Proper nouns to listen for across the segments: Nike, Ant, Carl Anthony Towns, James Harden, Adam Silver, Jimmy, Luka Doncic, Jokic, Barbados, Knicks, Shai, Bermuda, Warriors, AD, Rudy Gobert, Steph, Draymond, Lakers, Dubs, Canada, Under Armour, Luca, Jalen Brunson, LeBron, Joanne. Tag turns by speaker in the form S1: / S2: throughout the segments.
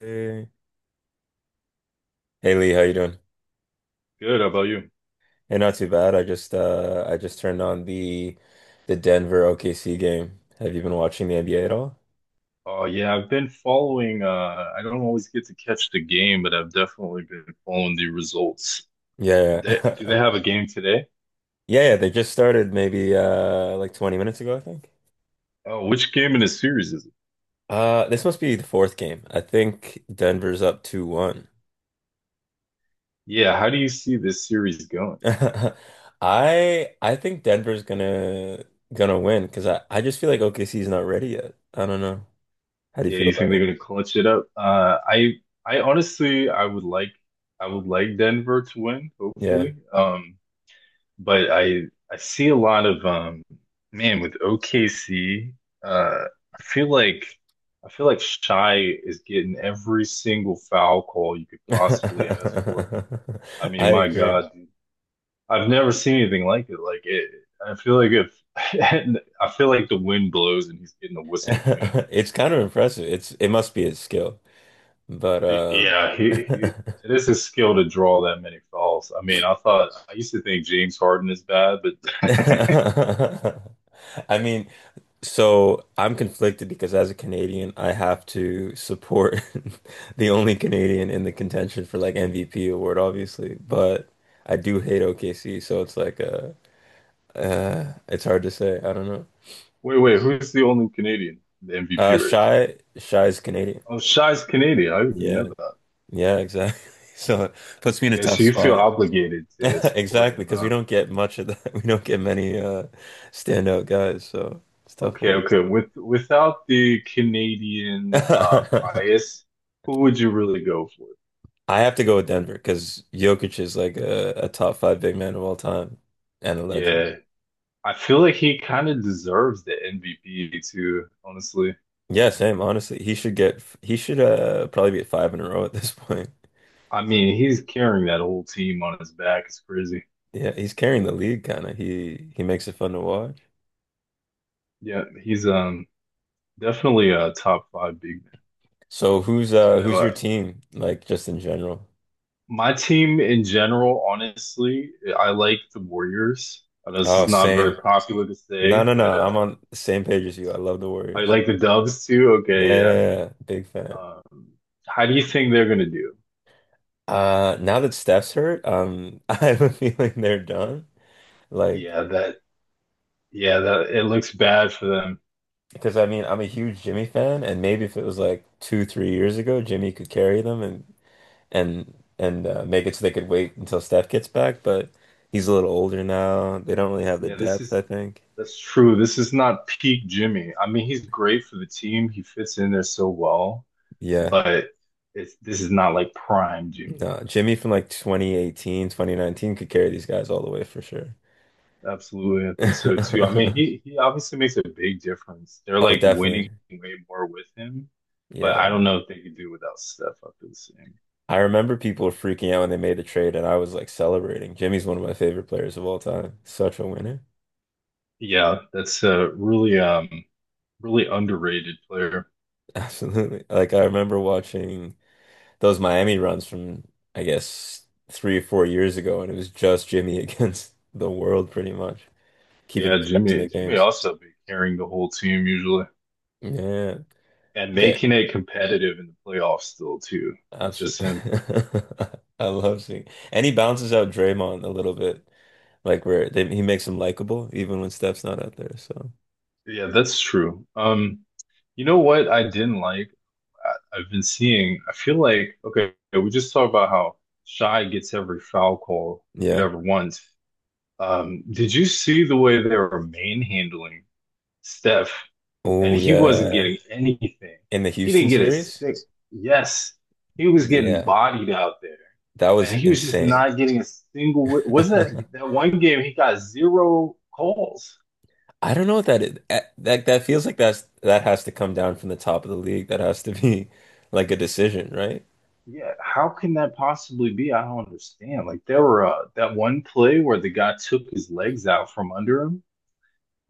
S1: Hey. Hey Lee, how you doing?
S2: Good. How about you?
S1: Hey, not too bad. I just turned on the Denver OKC game. Have you been watching the NBA at all?
S2: Oh yeah, I've been following. I don't always get to catch the game, but I've definitely been following the results.
S1: Yeah,
S2: They, do
S1: yeah.
S2: they have a game today?
S1: Yeah, yeah, they just started maybe like 20 minutes ago, I think.
S2: Oh, which game in the series is it?
S1: This must be the fourth game. I think Denver's up 2-1.
S2: Yeah, how do you see this series going?
S1: I think Denver's gonna win because I just feel like OKC is not ready yet. I don't know. How do you
S2: Yeah,
S1: feel
S2: you
S1: about
S2: think they're
S1: it?
S2: gonna clutch it up? I honestly, I would like Denver to win,
S1: Yeah.
S2: hopefully. But I see a lot of man with OKC uh I feel like I feel like Shy is getting every single foul call you could possibly ask for. I mean,
S1: I
S2: my
S1: agree.
S2: God, I've never seen anything like it. I feel like if I feel like the wind blows and he's getting a whistle,
S1: It's kind of impressive. It must be a skill. But
S2: Yeah, he it is his skill to draw that many fouls. I mean, I used to think James Harden is bad, but
S1: I mean, so I'm conflicted because as a Canadian, I have to support the only Canadian in the contention for like MVP award, obviously. But I do hate OKC, so it's like it's hard to say. I don't know.
S2: Wait, wait, who's the only Canadian in the MVP race?
S1: Shy's Canadian.
S2: Oh, Shai's Canadian. I didn't know
S1: Yeah.
S2: that.
S1: Yeah, exactly. So it puts me in a
S2: Yeah,
S1: tough
S2: so you feel
S1: spot.
S2: obligated to support
S1: Exactly,
S2: him,
S1: because we
S2: huh?
S1: don't get much of that. We don't get many standout guys, so it's a tough
S2: Okay,
S1: one.
S2: okay. Without the Canadian bias, who would you really go for?
S1: I have to go with Denver because Jokic is like a top five big man of all time and a legend.
S2: Yeah. I feel like he kind of deserves the MVP too, honestly.
S1: Yeah, same. Honestly, he should probably be at five in a row at this point.
S2: I mean, he's carrying that whole team on his back. It's crazy.
S1: Yeah, he's carrying the league kind of. He makes it fun to watch.
S2: Yeah, he's definitely a top five big man.
S1: So who's
S2: I know.
S1: who's your team like just in general?
S2: My team in general, honestly, I like the Warriors. This
S1: Oh,
S2: is not very
S1: same.
S2: popular to
S1: No,
S2: say,
S1: no,
S2: but
S1: no. I'm on the same page as you. I love the
S2: I
S1: Warriors.
S2: like the Dubs too. Okay, yeah.
S1: Yeah, big fan.
S2: Um, how do you think they're gonna do?
S1: Now that Steph's hurt, I have a feeling they're done. Like,
S2: Yeah, that. Yeah, that. It looks bad for them.
S1: because I mean, I'm a huge Jimmy fan, and maybe if it was like two, 3 years ago, Jimmy could carry them and and make it so they could wait until Steph gets back. But he's a little older now. They don't really have the
S2: Yeah, this
S1: depth, I
S2: is.
S1: think.
S2: That's true. This is not peak Jimmy. I mean, he's great for the team. He fits in there so well,
S1: Yeah,
S2: but it's this is not like prime Jimmy.
S1: no, Jimmy from like 2018, 2019 could carry these guys all the way for sure.
S2: Absolutely, I think so too. I mean, he he obviously makes a big difference. They're
S1: Oh,
S2: like winning
S1: definitely.
S2: way more with him, but
S1: Yeah.
S2: I don't know if they could do without Steph up to the same.
S1: I remember people were freaking out when they made the trade, and I was like celebrating. Jimmy's one of my favorite players of all time. Such a winner.
S2: Yeah, that's a really really underrated player.
S1: Absolutely. Like, I remember watching those Miami runs from, I guess, 3 or 4 years ago, and it was just Jimmy against the world, pretty much, keeping
S2: Yeah,
S1: those guys in
S2: Jimmy
S1: the
S2: Jimmy
S1: games.
S2: also be carrying the whole team usually
S1: Yeah.
S2: and
S1: Okay.
S2: making it competitive in the playoffs still too with just
S1: Absolutely.
S2: him.
S1: I love seeing. And he bounces out Draymond a little bit, like, where they, he makes him likable, even when Steph's not out there. So,
S2: Yeah, that's true. You know what I didn't like I've been seeing, I feel like, okay, we just talked about how Shy gets every foul call you could
S1: yeah.
S2: ever want. Did you see the way they were manhandling Steph and
S1: Oh,
S2: he wasn't
S1: yeah.
S2: getting anything?
S1: In the
S2: He
S1: Houston
S2: didn't get a
S1: series?
S2: six. Yes, he was getting
S1: Yeah,
S2: bodied out there
S1: that
S2: and
S1: was
S2: he was just
S1: insane.
S2: not getting a single. Wasn't that that one game he got zero calls?
S1: I don't know what that is. That feels like that has to come down from the top of the league. That has to be like a decision, right?
S2: Yeah, how can that possibly be? I don't understand. Like there were that one play where the guy took his legs out from under him.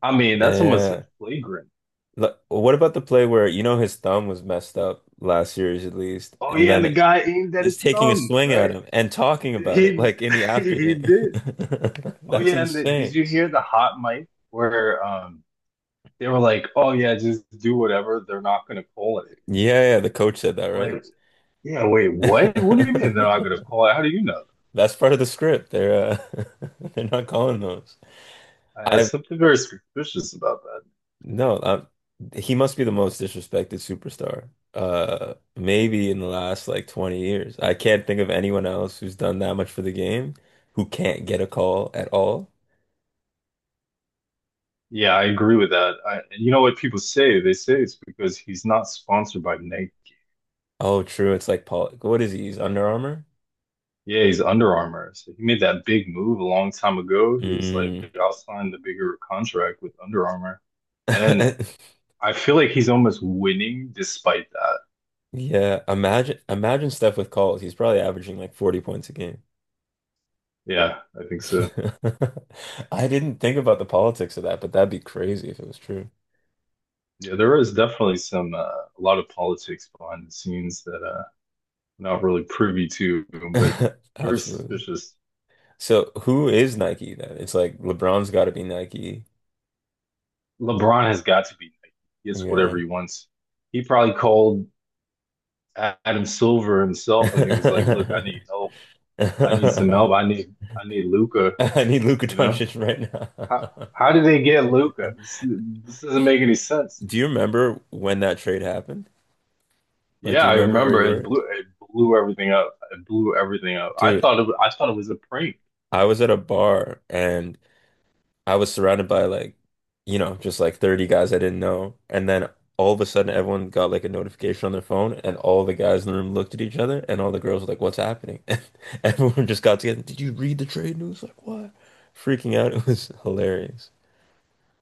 S2: I mean,
S1: Yeah,
S2: that's almost a
S1: yeah.
S2: flagrant.
S1: Look, what about the play where his thumb was messed up last series at least,
S2: Oh
S1: and
S2: yeah, and the
S1: then
S2: guy aimed at
S1: is
S2: his
S1: taking a
S2: thumb,
S1: swing at
S2: right?
S1: him and talking about it
S2: He
S1: like in the after
S2: he
S1: game.
S2: did. Oh
S1: That's
S2: yeah,
S1: insane.
S2: did you hear the hot mic where they were like, "Oh yeah, just do whatever. They're not going to call it."
S1: Yeah, yeah, the coach said that, right?
S2: Like, yeah, wait, what? What do you mean they're not going to call it? How do you know that?
S1: That's part of the script. They're they're not calling those.
S2: I have
S1: I
S2: something very suspicious about that.
S1: No, he must be the most disrespected superstar. Maybe in the last like 20 years. I can't think of anyone else who's done that much for the game who can't get a call at all.
S2: Yeah, I agree with that. I, you know what people say? They say it's because he's not sponsored by Nike.
S1: Oh, true. It's like Paul. What is he? He's Under Armour?
S2: Yeah, he's Under Armour. So he made that big move a long time ago. He's like,
S1: Mm.
S2: I'll sign the bigger contract with Under Armour. And I feel like he's almost winning despite that.
S1: Yeah, imagine Steph with calls. He's probably averaging like 40 points a game.
S2: Yeah, I think so.
S1: I didn't think about the politics of that, but that'd be crazy if it was true.
S2: Yeah, there is definitely some, a lot of politics behind the scenes that I'm not really privy to, but very
S1: Absolutely.
S2: suspicious.
S1: So who is Nike then? It's like LeBron's got to be Nike.
S2: LeBron has got to be Nike. He gets whatever
S1: Yeah.
S2: he wants. He probably called Adam Silver himself, and he was like, "Look, I need help. I need some
S1: I
S2: help. I need Luca."
S1: need Luka
S2: You know
S1: Doncic right now.
S2: how did they get Luca? This doesn't make any sense.
S1: Do you remember when that trade happened? Like, do
S2: Yeah,
S1: you
S2: I
S1: remember where you
S2: remember
S1: were?
S2: it blew everything up. It blew everything up.
S1: Dude,
S2: I thought it was a prank.
S1: I was at a bar and I was surrounded by like, just like 30 guys I didn't know. And then all of a sudden everyone got like a notification on their phone and all the guys in the room looked at each other and all the girls were like, what's happening? And everyone just got together. Did you read the trade news? Like what? Freaking out. It was hilarious.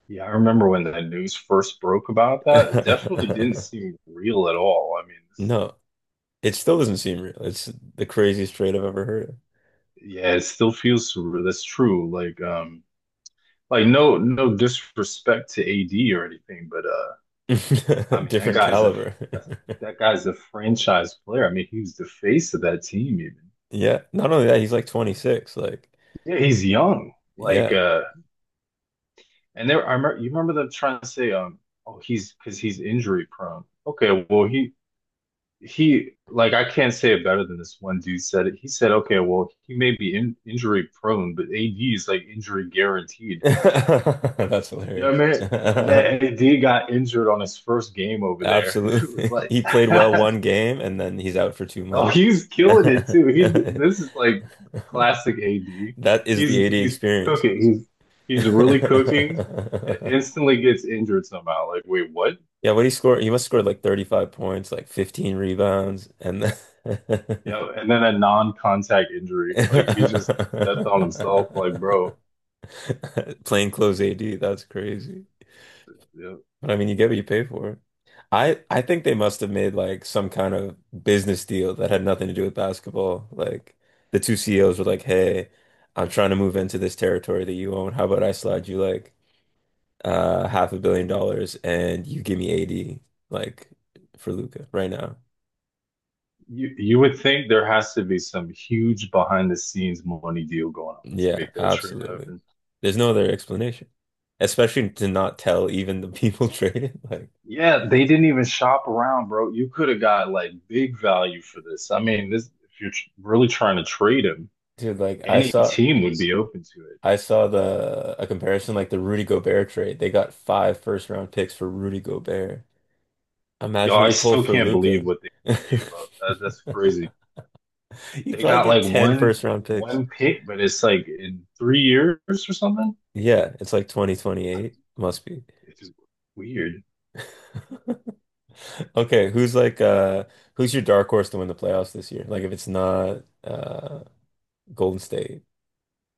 S2: Yeah, I remember when the news first broke about that. It definitely didn't seem real at all.
S1: No, it still doesn't seem real. It's the craziest trade I've ever heard
S2: Yeah, it still feels surreal. That's true. Like no no disrespect to AD or anything, but.
S1: of.
S2: I mean,
S1: Different caliber.
S2: that guy's a franchise player. I mean, he was the face of that team. Even
S1: Yeah. Not only that, he's like 26. Like,
S2: yeah, he's young. Like,
S1: yeah.
S2: uh, and there, you remember them trying to say, oh, he's because he's injury prone. Okay, well, he like I can't say it better than this one dude said it. He said, okay, well, he may be injury prone, but AD is like injury guaranteed.
S1: That's
S2: You know what
S1: hilarious.
S2: I mean? And then AD got injured on his first game over there. It was
S1: Absolutely.
S2: like
S1: He played well one game and then he's out for two
S2: Oh,
S1: months.
S2: he's killing it too. He this is like classic AD.
S1: That is the
S2: He's
S1: 80
S2: he's
S1: experience.
S2: cooking. He's really cooking. Instantly gets injured somehow. Like, wait, what?
S1: Yeah, what he scored, he must have scored like 35 points, like 15 rebounds, and then
S2: Yeah, and then a non-contact injury. Like he just stepped on himself. Like, bro,
S1: plain clothes AD, that's crazy.
S2: yeah.
S1: But I mean, you get what you pay for. I think they must have made like some kind of business deal that had nothing to do with basketball. Like the two CEOs were like, "Hey, I'm trying to move into this territory that you own. How about I slide you like half $1 billion and you give me AD like for Luca right now?"
S2: You would think there has to be some huge behind the scenes money deal going on to
S1: Yeah,
S2: make that trade
S1: absolutely.
S2: happen.
S1: There's no other explanation. Especially to not tell even the people traded. Like,
S2: Yeah, they didn't even shop around, bro. You could have got like big value for this. I mean, this if you're really trying to trade him
S1: dude, like
S2: any team would be open to it.
S1: I saw the a comparison like the Rudy Gobert trade. They got five first round picks for Rudy Gobert.
S2: Yo,
S1: Imagine what
S2: I
S1: you pull
S2: still
S1: for
S2: can't believe
S1: Luca.
S2: what they gave up. That's crazy.
S1: You'd
S2: They
S1: probably
S2: got
S1: get
S2: like
S1: 10 first round picks.
S2: one pick, but it's like in 3 years or something.
S1: Yeah, it's like
S2: I,
S1: 2028. Must be.
S2: it's just weird.
S1: Okay, who's your dark horse to win the playoffs this year? Like if it's not Golden State.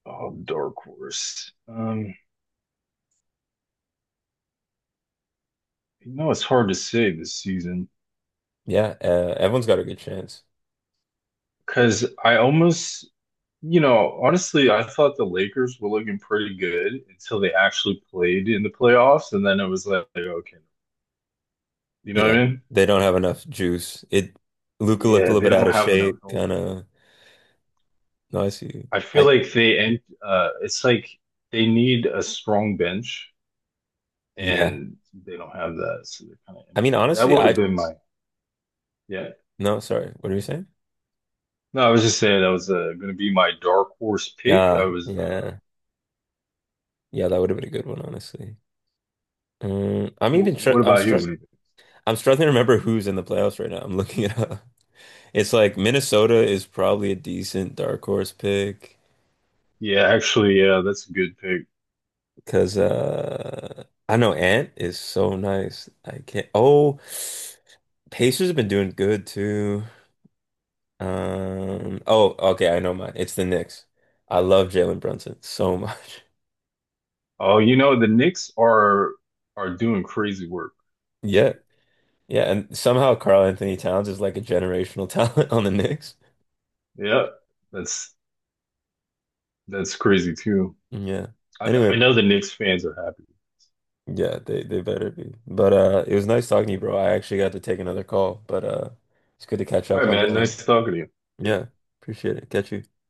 S2: Oh, dark horse. You know it's hard to say this season
S1: Yeah, everyone's got a good chance.
S2: because you know, honestly, I thought the Lakers were looking pretty good until they actually played in the playoffs, and then it was like, okay, you know what
S1: Yeah,
S2: I mean?
S1: they don't have enough juice. It Luca looked a
S2: Yeah,
S1: little
S2: they
S1: bit out
S2: don't
S1: of
S2: have enough
S1: shape,
S2: help.
S1: kind of. No, I see.
S2: I feel
S1: I
S2: like they end it's like they need a strong bench
S1: Yeah.
S2: and they don't have that, so they're kind of
S1: I mean,
S2: empty. That
S1: honestly,
S2: would have
S1: I
S2: been my yeah.
S1: no, sorry. What are you saying?
S2: No, I was just saying that was going to be my dark horse pick. I
S1: Yeah,
S2: was
S1: yeah, yeah. That would have been a good one, honestly. I'm
S2: w
S1: even tr
S2: what
S1: I'm
S2: about you? What
S1: struck.
S2: do you think?
S1: I'm struggling to remember who's in the playoffs right now. I'm looking it up. It's like Minnesota is probably a decent dark horse pick
S2: Yeah, actually, yeah, that's a good pick.
S1: because I know Ant is so nice. I can't. Oh, Pacers have been doing good too. Oh, okay. I know mine. It's the Knicks. I love Jalen Brunson so much.
S2: Oh, you know, the Knicks are doing crazy work. That's
S1: Yeah.
S2: true.
S1: Yeah, and somehow Carl Anthony Towns is like a generational talent on the Knicks.
S2: Yeah, that's that's crazy too.
S1: Yeah.
S2: I
S1: Anyway,
S2: know the Knicks fans are happy.
S1: yeah, they better be. But it was nice talking to you, bro. I actually got to take another call, but it's good to catch
S2: All
S1: up
S2: right,
S1: on
S2: man,
S1: the,
S2: nice talking to you. Yeah.
S1: yeah, appreciate it. Catch you.